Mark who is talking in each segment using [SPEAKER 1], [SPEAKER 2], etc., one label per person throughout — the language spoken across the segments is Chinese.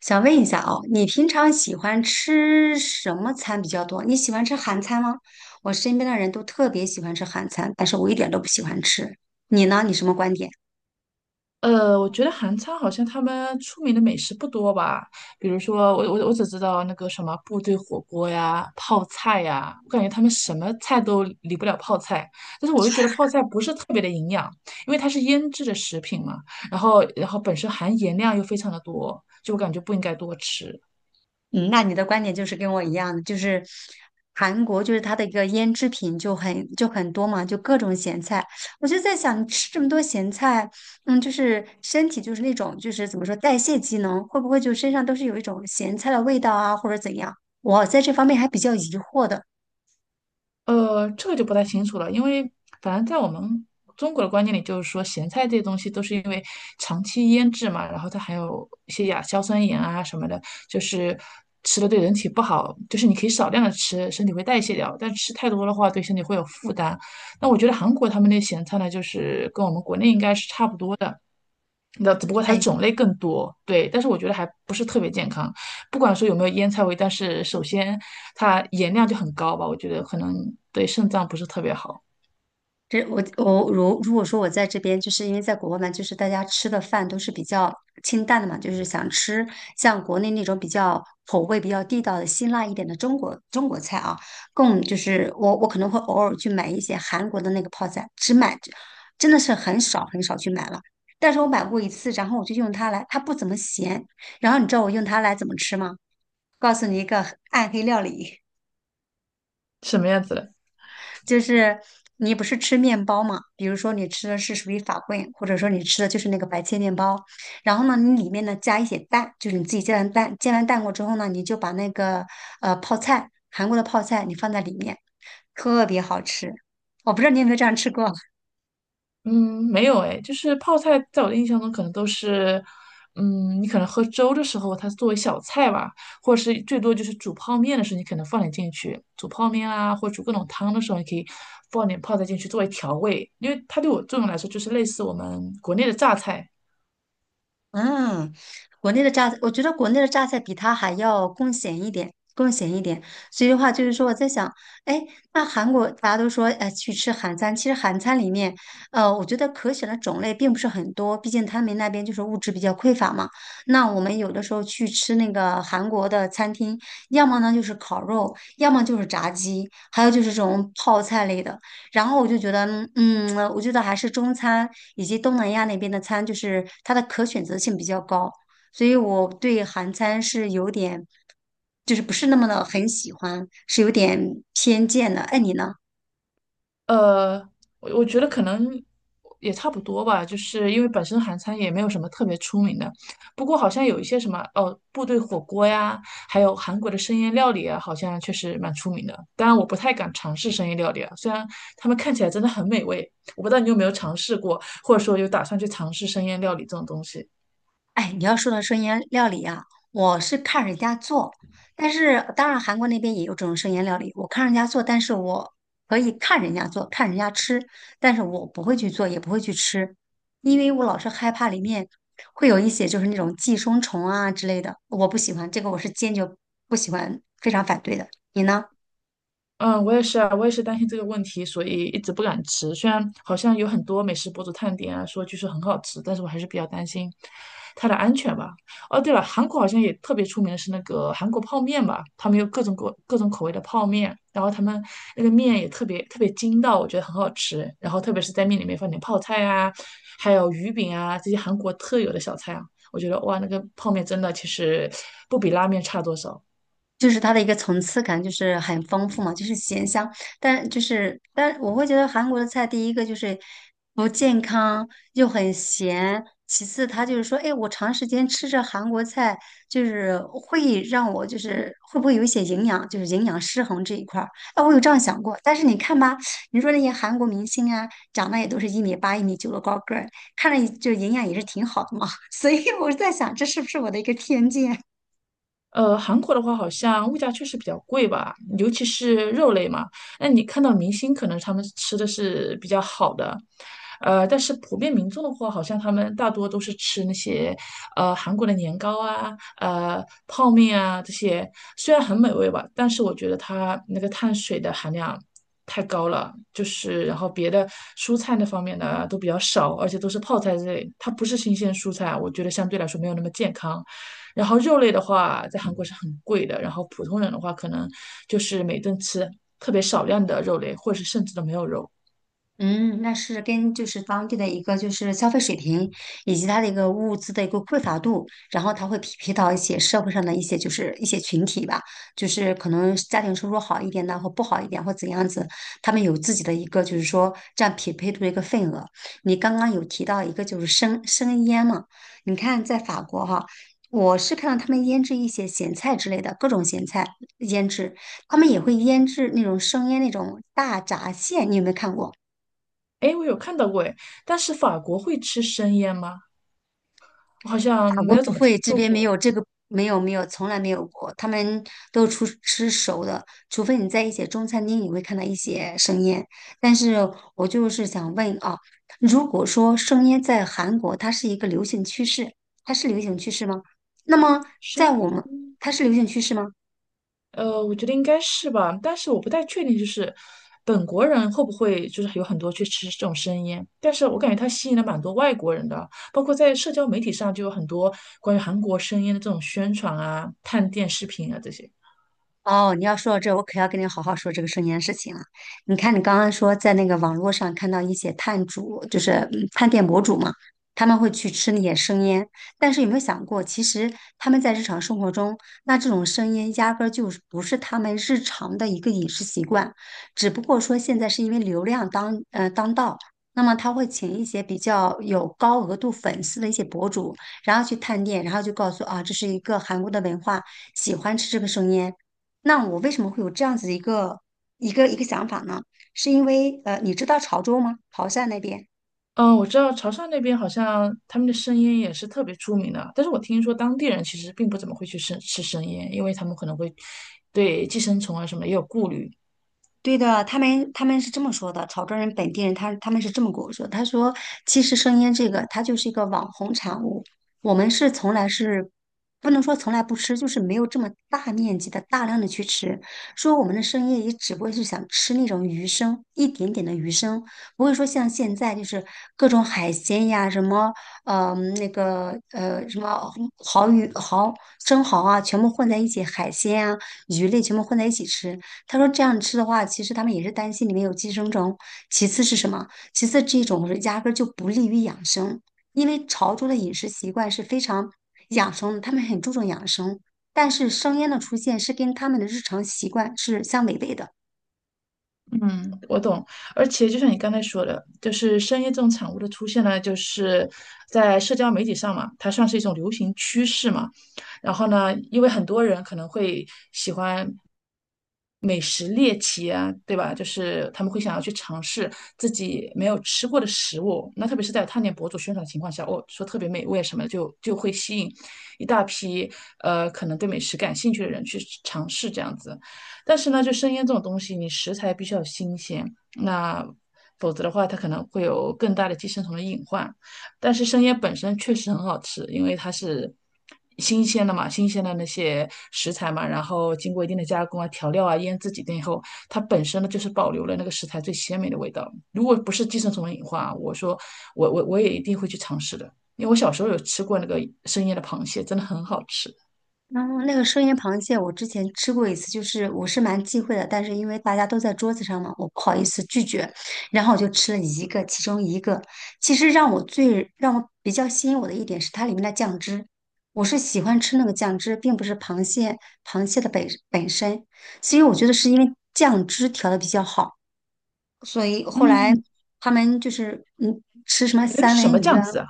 [SPEAKER 1] 想问一下哦，你平常喜欢吃什么餐比较多？你喜欢吃韩餐吗？我身边的人都特别喜欢吃韩餐，但是我一点都不喜欢吃。你呢？你什么观点？
[SPEAKER 2] 我觉得韩餐好像他们出名的美食不多吧，比如说我只知道那个什么部队火锅呀、泡菜呀，我感觉他们什么菜都离不了泡菜，但是我又觉得泡菜不是特别的营养，因为它是腌制的食品嘛，然后本身含盐量又非常的多，就我感觉不应该多吃。
[SPEAKER 1] 嗯，那你的观点就是跟我一样的，就是韩国就是它的一个腌制品就很多嘛，就各种咸菜。我就在想，你吃这么多咸菜，嗯，就是身体就是那种就是怎么说代谢机能会不会就身上都是有一种咸菜的味道啊，或者怎样？我在这方面还比较疑惑的。
[SPEAKER 2] 这个就不太清楚了，因为反正在我们中国的观念里，就是说咸菜这些东西都是因为长期腌制嘛，然后它含有一些亚硝酸盐啊什么的，就是吃了对人体不好，就是你可以少量的吃，身体会代谢掉，但吃太多的话对身体会有负担。那我觉得韩国他们那咸菜呢，就是跟我们国内应该是差不多的，那只不过它的
[SPEAKER 1] 哎，
[SPEAKER 2] 种类更多，对，但是我觉得还不是特别健康。不管说有没有腌菜味，但是首先它盐量就很高吧，我觉得可能对肾脏不是特别好。
[SPEAKER 1] 这我如如果说我在这边，就是因为在国外嘛，就是大家吃的饭都是比较清淡的嘛，就是想吃像国内那种比较口味比较地道的辛辣一点的中国菜啊，更就是我可能会偶尔去买一些韩国的那个泡菜，只买真的是很少去买了。但是我买过一次，然后我就用它来，它不怎么咸。然后你知道我用它来怎么吃吗？告诉你一个暗黑料理。
[SPEAKER 2] 什么样子的？
[SPEAKER 1] 就是你不是吃面包嘛？比如说你吃的是属于法棍，或者说你吃的就是那个白切面包，然后呢，你里面呢加一些蛋，就是你自己煎完蛋，煎完蛋过之后呢，你就把那个泡菜，韩国的泡菜你放在里面，特别好吃。我不知道你有没有这样吃过。
[SPEAKER 2] 嗯，没有哎，就是泡菜，在我的印象中可能都是，嗯，你可能喝粥的时候，它是作为小菜吧，或者是最多就是煮泡面的时候，你可能放点进去，煮泡面啊，或者煮各种汤的时候，你可以放点泡菜进去作为调味，因为它对我作用来说，就是类似我们国内的榨菜。
[SPEAKER 1] 嗯，国内的榨菜，我觉得国内的榨菜比它还要更咸一点，更咸一点。所以的话，就是说我在想，哎，那韩国大家都说，哎，去吃韩餐，其实韩餐里面，我觉得可选的种类并不是很多，毕竟他们那边就是物质比较匮乏嘛。那我们有的时候去吃那个韩国的餐厅，要么呢就是烤肉，要么就是炸鸡，还有就是这种泡菜类的。然后我就觉得，嗯，我觉得还是中餐以及东南亚那边的餐，就是它的可选择性比较高，所以我对韩餐是有点，就是不是那么的很喜欢，是有点偏见的。哎，你呢？
[SPEAKER 2] 呃，我觉得可能也差不多吧，就是因为本身韩餐也没有什么特别出名的，不过好像有一些什么哦，部队火锅呀，还有韩国的生腌料理啊，好像确实蛮出名的。当然，我不太敢尝试生腌料理啊，虽然他们看起来真的很美味，我不知道你有没有尝试过，或者说有打算去尝试生腌料理这种东西。
[SPEAKER 1] 哎，你要说到生腌料理啊，我是看人家做，但是当然韩国那边也有这种生腌料理，我看人家做，但是我可以看人家做，看人家吃，但是我不会去做，也不会去吃，因为我老是害怕里面会有一些就是那种寄生虫啊之类的，我不喜欢，这个我是坚决不喜欢，非常反对的。你呢？
[SPEAKER 2] 嗯，我也是啊，我也是担心这个问题，所以一直不敢吃。虽然好像有很多美食博主探店啊，说据说很好吃，但是我还是比较担心它的安全吧。哦，对了，韩国好像也特别出名的是那个韩国泡面吧，他们有各种口味的泡面，然后他们那个面也特别特别筋道，我觉得很好吃。然后特别是在面里面放点泡菜啊，还有鱼饼啊，这些韩国特有的小菜啊，我觉得哇，那个泡面真的其实不比拉面差多少。
[SPEAKER 1] 就是它的一个层次感就是很丰富嘛，就是咸香，但就是但我会觉得韩国的菜第一个就是不健康又很咸，其次它就是说，哎，我长时间吃着韩国菜，就是会让我就是会不会有一些营养，就是营养失衡这一块儿，哎，我有这样想过，但是你看吧，你说那些韩国明星啊，长得也都是1米8、1米9的高个儿，看着就营养也是挺好的嘛，所以我是在想，这是不是我的一个偏见？
[SPEAKER 2] 韩国的话，好像物价确实比较贵吧，尤其是肉类嘛。那你看到明星，可能他们吃的是比较好的，但是普遍民众的话，好像他们大多都是吃那些韩国的年糕啊、泡面啊这些，虽然很美味吧，但是我觉得它那个碳水的含量太高了，就是然后别的蔬菜那方面的都比较少，而且都是泡菜之类，它不是新鲜蔬菜，我觉得相对来说没有那么健康。然后肉类的话，在韩国是很贵的，然后普通人的话，可能就是每顿吃特别少量的肉类，或者是甚至都没有肉。
[SPEAKER 1] 嗯，那是跟就是当地的一个就是消费水平，以及它的一个物资的一个匮乏度，然后它会匹配到一些社会上的一些就是一些群体吧，就是可能家庭收入好一点的或不好一点或怎样子，他们有自己的一个就是说占匹配度的一个份额。你刚刚有提到一个就是生腌嘛，你看在法国哈。我是看到他们腌制一些咸菜之类的各种咸菜腌制，他们也会腌制那种生腌那种大闸蟹，你有没有看过？
[SPEAKER 2] 哎，我有看到过哎，但是法国会吃生腌吗？我好像
[SPEAKER 1] 法
[SPEAKER 2] 没
[SPEAKER 1] 国
[SPEAKER 2] 有
[SPEAKER 1] 不
[SPEAKER 2] 怎么听
[SPEAKER 1] 会，这
[SPEAKER 2] 说
[SPEAKER 1] 边没
[SPEAKER 2] 过
[SPEAKER 1] 有这个，没有，从来没有过。他们都出吃熟的，除非你在一些中餐厅，你会看到一些生腌。但是我就是想问啊，如果说生腌在韩国它是一个流行趋势，它是流行趋势吗？那么
[SPEAKER 2] 生
[SPEAKER 1] 在我们
[SPEAKER 2] 腌。
[SPEAKER 1] 它是流行趋势吗？
[SPEAKER 2] 我觉得应该是吧，但是我不太确定，就是本国人会不会就是有很多去吃这种生腌，但是我感觉它吸引了蛮多外国人的，包括在社交媒体上就有很多关于韩国生腌的这种宣传啊、探店视频啊这些。
[SPEAKER 1] 哦，你要说到这，我可要跟你好好说这个生意的事情了。你看，你刚刚说在那个网络上看到一些探主，就是嗯探店博主嘛，他们会去吃那些生腌，但是有没有想过，其实他们在日常生活中，那这种生腌压根儿就是不是他们日常的一个饮食习惯，只不过说现在是因为流量当当道。那么他会请一些比较有高额度粉丝的一些博主，然后去探店，然后就告诉啊，这是一个韩国的文化，喜欢吃这个生腌。那我为什么会有这样子一个想法呢？是因为你知道潮州吗？潮汕那边。
[SPEAKER 2] 嗯，我知道潮汕那边好像他们的生腌也是特别出名的，但是我听说当地人其实并不怎么会去生吃生腌，因为他们可能会对寄生虫啊什么也有顾虑。
[SPEAKER 1] 对的，他们是这么说的，潮州人本地人他们是这么跟我说，他说其实生腌这个它就是一个网红产物，我们是从来是不能说从来不吃，就是没有这么大面积的大量的去吃，说我们的生腌也只不过是想吃那种鱼生，一点点的鱼生，不会说像现在就是各种海鲜呀，什么什么蚝鱼蚝生蚝啊，全部混在一起，海鲜啊鱼类全部混在一起吃。他说这样吃的话，其实他们也是担心里面有寄生虫。其次是什么？其次这种是压根儿就不利于养生，因为潮州的饮食习惯是非常养生的，他们很注重养生。但是生腌的出现是跟他们的日常习惯是相违背的，
[SPEAKER 2] 嗯，我懂。而且就像你刚才说的，就是生腌这种产物的出现呢，就是在社交媒体上嘛，它算是一种流行趋势嘛。然后呢，因为很多人可能会喜欢。美食猎奇啊，对吧？就是他们会想要去尝试自己没有吃过的食物，那特别是在探店博主宣传的情况下，哦，说特别美味什么的就会吸引一大批可能对美食感兴趣的人去尝试这样子。但是呢，就生腌这种东西，你食材必须要新鲜，那否则的话，它可能会有更大的寄生虫的隐患。但是生腌本身确实很好吃，因为它是新鲜的嘛，新鲜的那些食材嘛，然后经过一定的加工啊、调料啊、腌制几天以后，它本身呢就是保留了那个食材最鲜美的味道。如果不是寄生虫的隐患啊，我说我也一定会去尝试的，因为我小时候有吃过那个生腌的螃蟹，真的很好吃。
[SPEAKER 1] 然后那个生腌螃蟹，我之前吃过一次，就是我是蛮忌讳的，但是因为大家都在桌子上嘛，我不好意思拒绝，然后我就吃了一个，其中一个。其实最让我比较吸引我的一点是它里面的酱汁，我是喜欢吃那个酱汁，并不是螃蟹的本身，所以我觉得是因为酱汁调的比较好，所以后来
[SPEAKER 2] 嗯，
[SPEAKER 1] 他们就是嗯吃什么
[SPEAKER 2] 你那个
[SPEAKER 1] 三
[SPEAKER 2] 是什
[SPEAKER 1] 文
[SPEAKER 2] 么
[SPEAKER 1] 鱼啊。
[SPEAKER 2] 酱汁啊？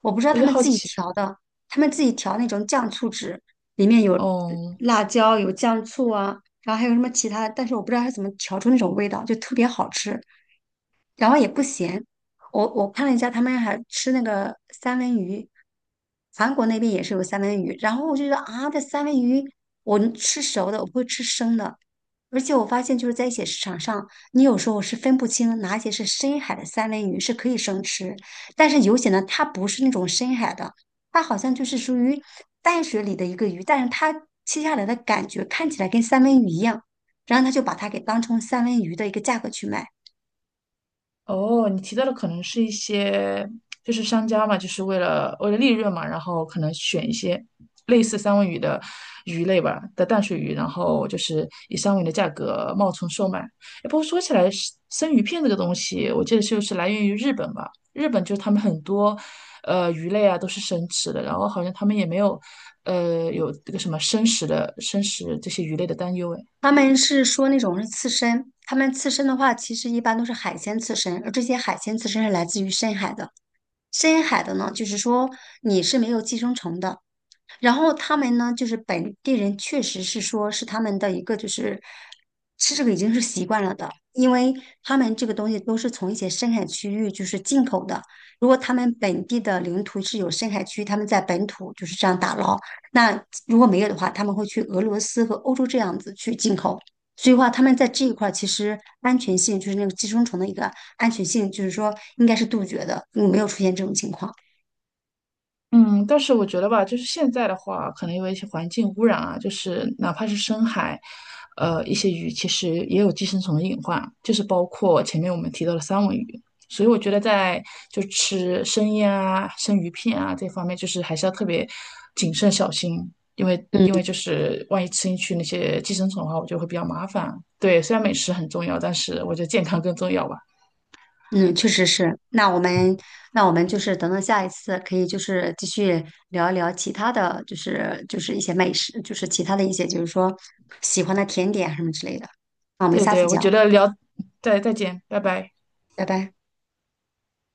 [SPEAKER 1] 我不知道
[SPEAKER 2] 我
[SPEAKER 1] 他
[SPEAKER 2] 就
[SPEAKER 1] 们
[SPEAKER 2] 好
[SPEAKER 1] 自己
[SPEAKER 2] 奇。
[SPEAKER 1] 调的，他们自己调那种酱醋汁，里面有
[SPEAKER 2] 哦，
[SPEAKER 1] 辣椒，有酱醋啊，然后还有什么其他的，但是我不知道他怎么调出那种味道，就特别好吃。然后也不咸。我看了一下，他们还吃那个三文鱼，韩国那边也是有三文鱼。然后我就觉得啊，这三文鱼我能吃熟的，我不会吃生的。而且我发现就是在一些市场上，你有时候是分不清哪些是深海的三文鱼是可以生吃，但是有些呢，它不是那种深海的，它好像就是属于淡水里的一个鱼，但是它切下来的感觉看起来跟三文鱼一样，然后他就把它给当成三文鱼的一个价格去卖。
[SPEAKER 2] 哦，你提到的可能是一些，就是商家嘛，就是为了利润嘛，然后可能选一些类似三文鱼的鱼类吧的淡水鱼，然后就是以三文鱼的价格冒充售卖。哎，不过说起来，生鱼片这个东西，我记得就是来源于日本吧，日本就是他们很多鱼类啊都是生吃的，然后好像他们也没有有这个什么生食这些鱼类的担忧，哎。
[SPEAKER 1] 他们是说那种是刺身，他们刺身的话，其实一般都是海鲜刺身，而这些海鲜刺身是来自于深海的。深海的呢，就是说你是没有寄生虫的，然后他们呢，就是本地人确实是说是他们的一个就是吃这个已经是习惯了的，因为他们这个东西都是从一些深海区域就是进口的。如果他们本地的领土是有深海区，他们在本土就是这样打捞。那如果没有的话，他们会去俄罗斯和欧洲这样子去进口。所以话，他们在这一块儿其实安全性就是那个寄生虫的一个安全性，就是说应该是杜绝的，嗯没有出现这种情况。
[SPEAKER 2] 嗯，但是我觉得吧，就是现在的话，可能因为一些环境污染啊，就是哪怕是深海，一些鱼其实也有寄生虫的隐患，就是包括前面我们提到的三文鱼。所以我觉得在就吃生腌啊、生鱼片啊这方面，就是还是要特别谨慎小心，因为
[SPEAKER 1] 嗯。
[SPEAKER 2] 因为就是万一吃进去那些寄生虫的话，我觉得会比较麻烦。对，虽然美食很重要，但是我觉得健康更重要吧。
[SPEAKER 1] 嗯，确实是。那我们，那我们就是等等下一次可以就是继续聊一聊其他的，就是一些美食，就是其他的一些就是说喜欢的甜点啊什么之类的。那我们
[SPEAKER 2] 对
[SPEAKER 1] 下次
[SPEAKER 2] 对，我
[SPEAKER 1] 讲，
[SPEAKER 2] 觉得聊，再见，拜拜。
[SPEAKER 1] 拜拜。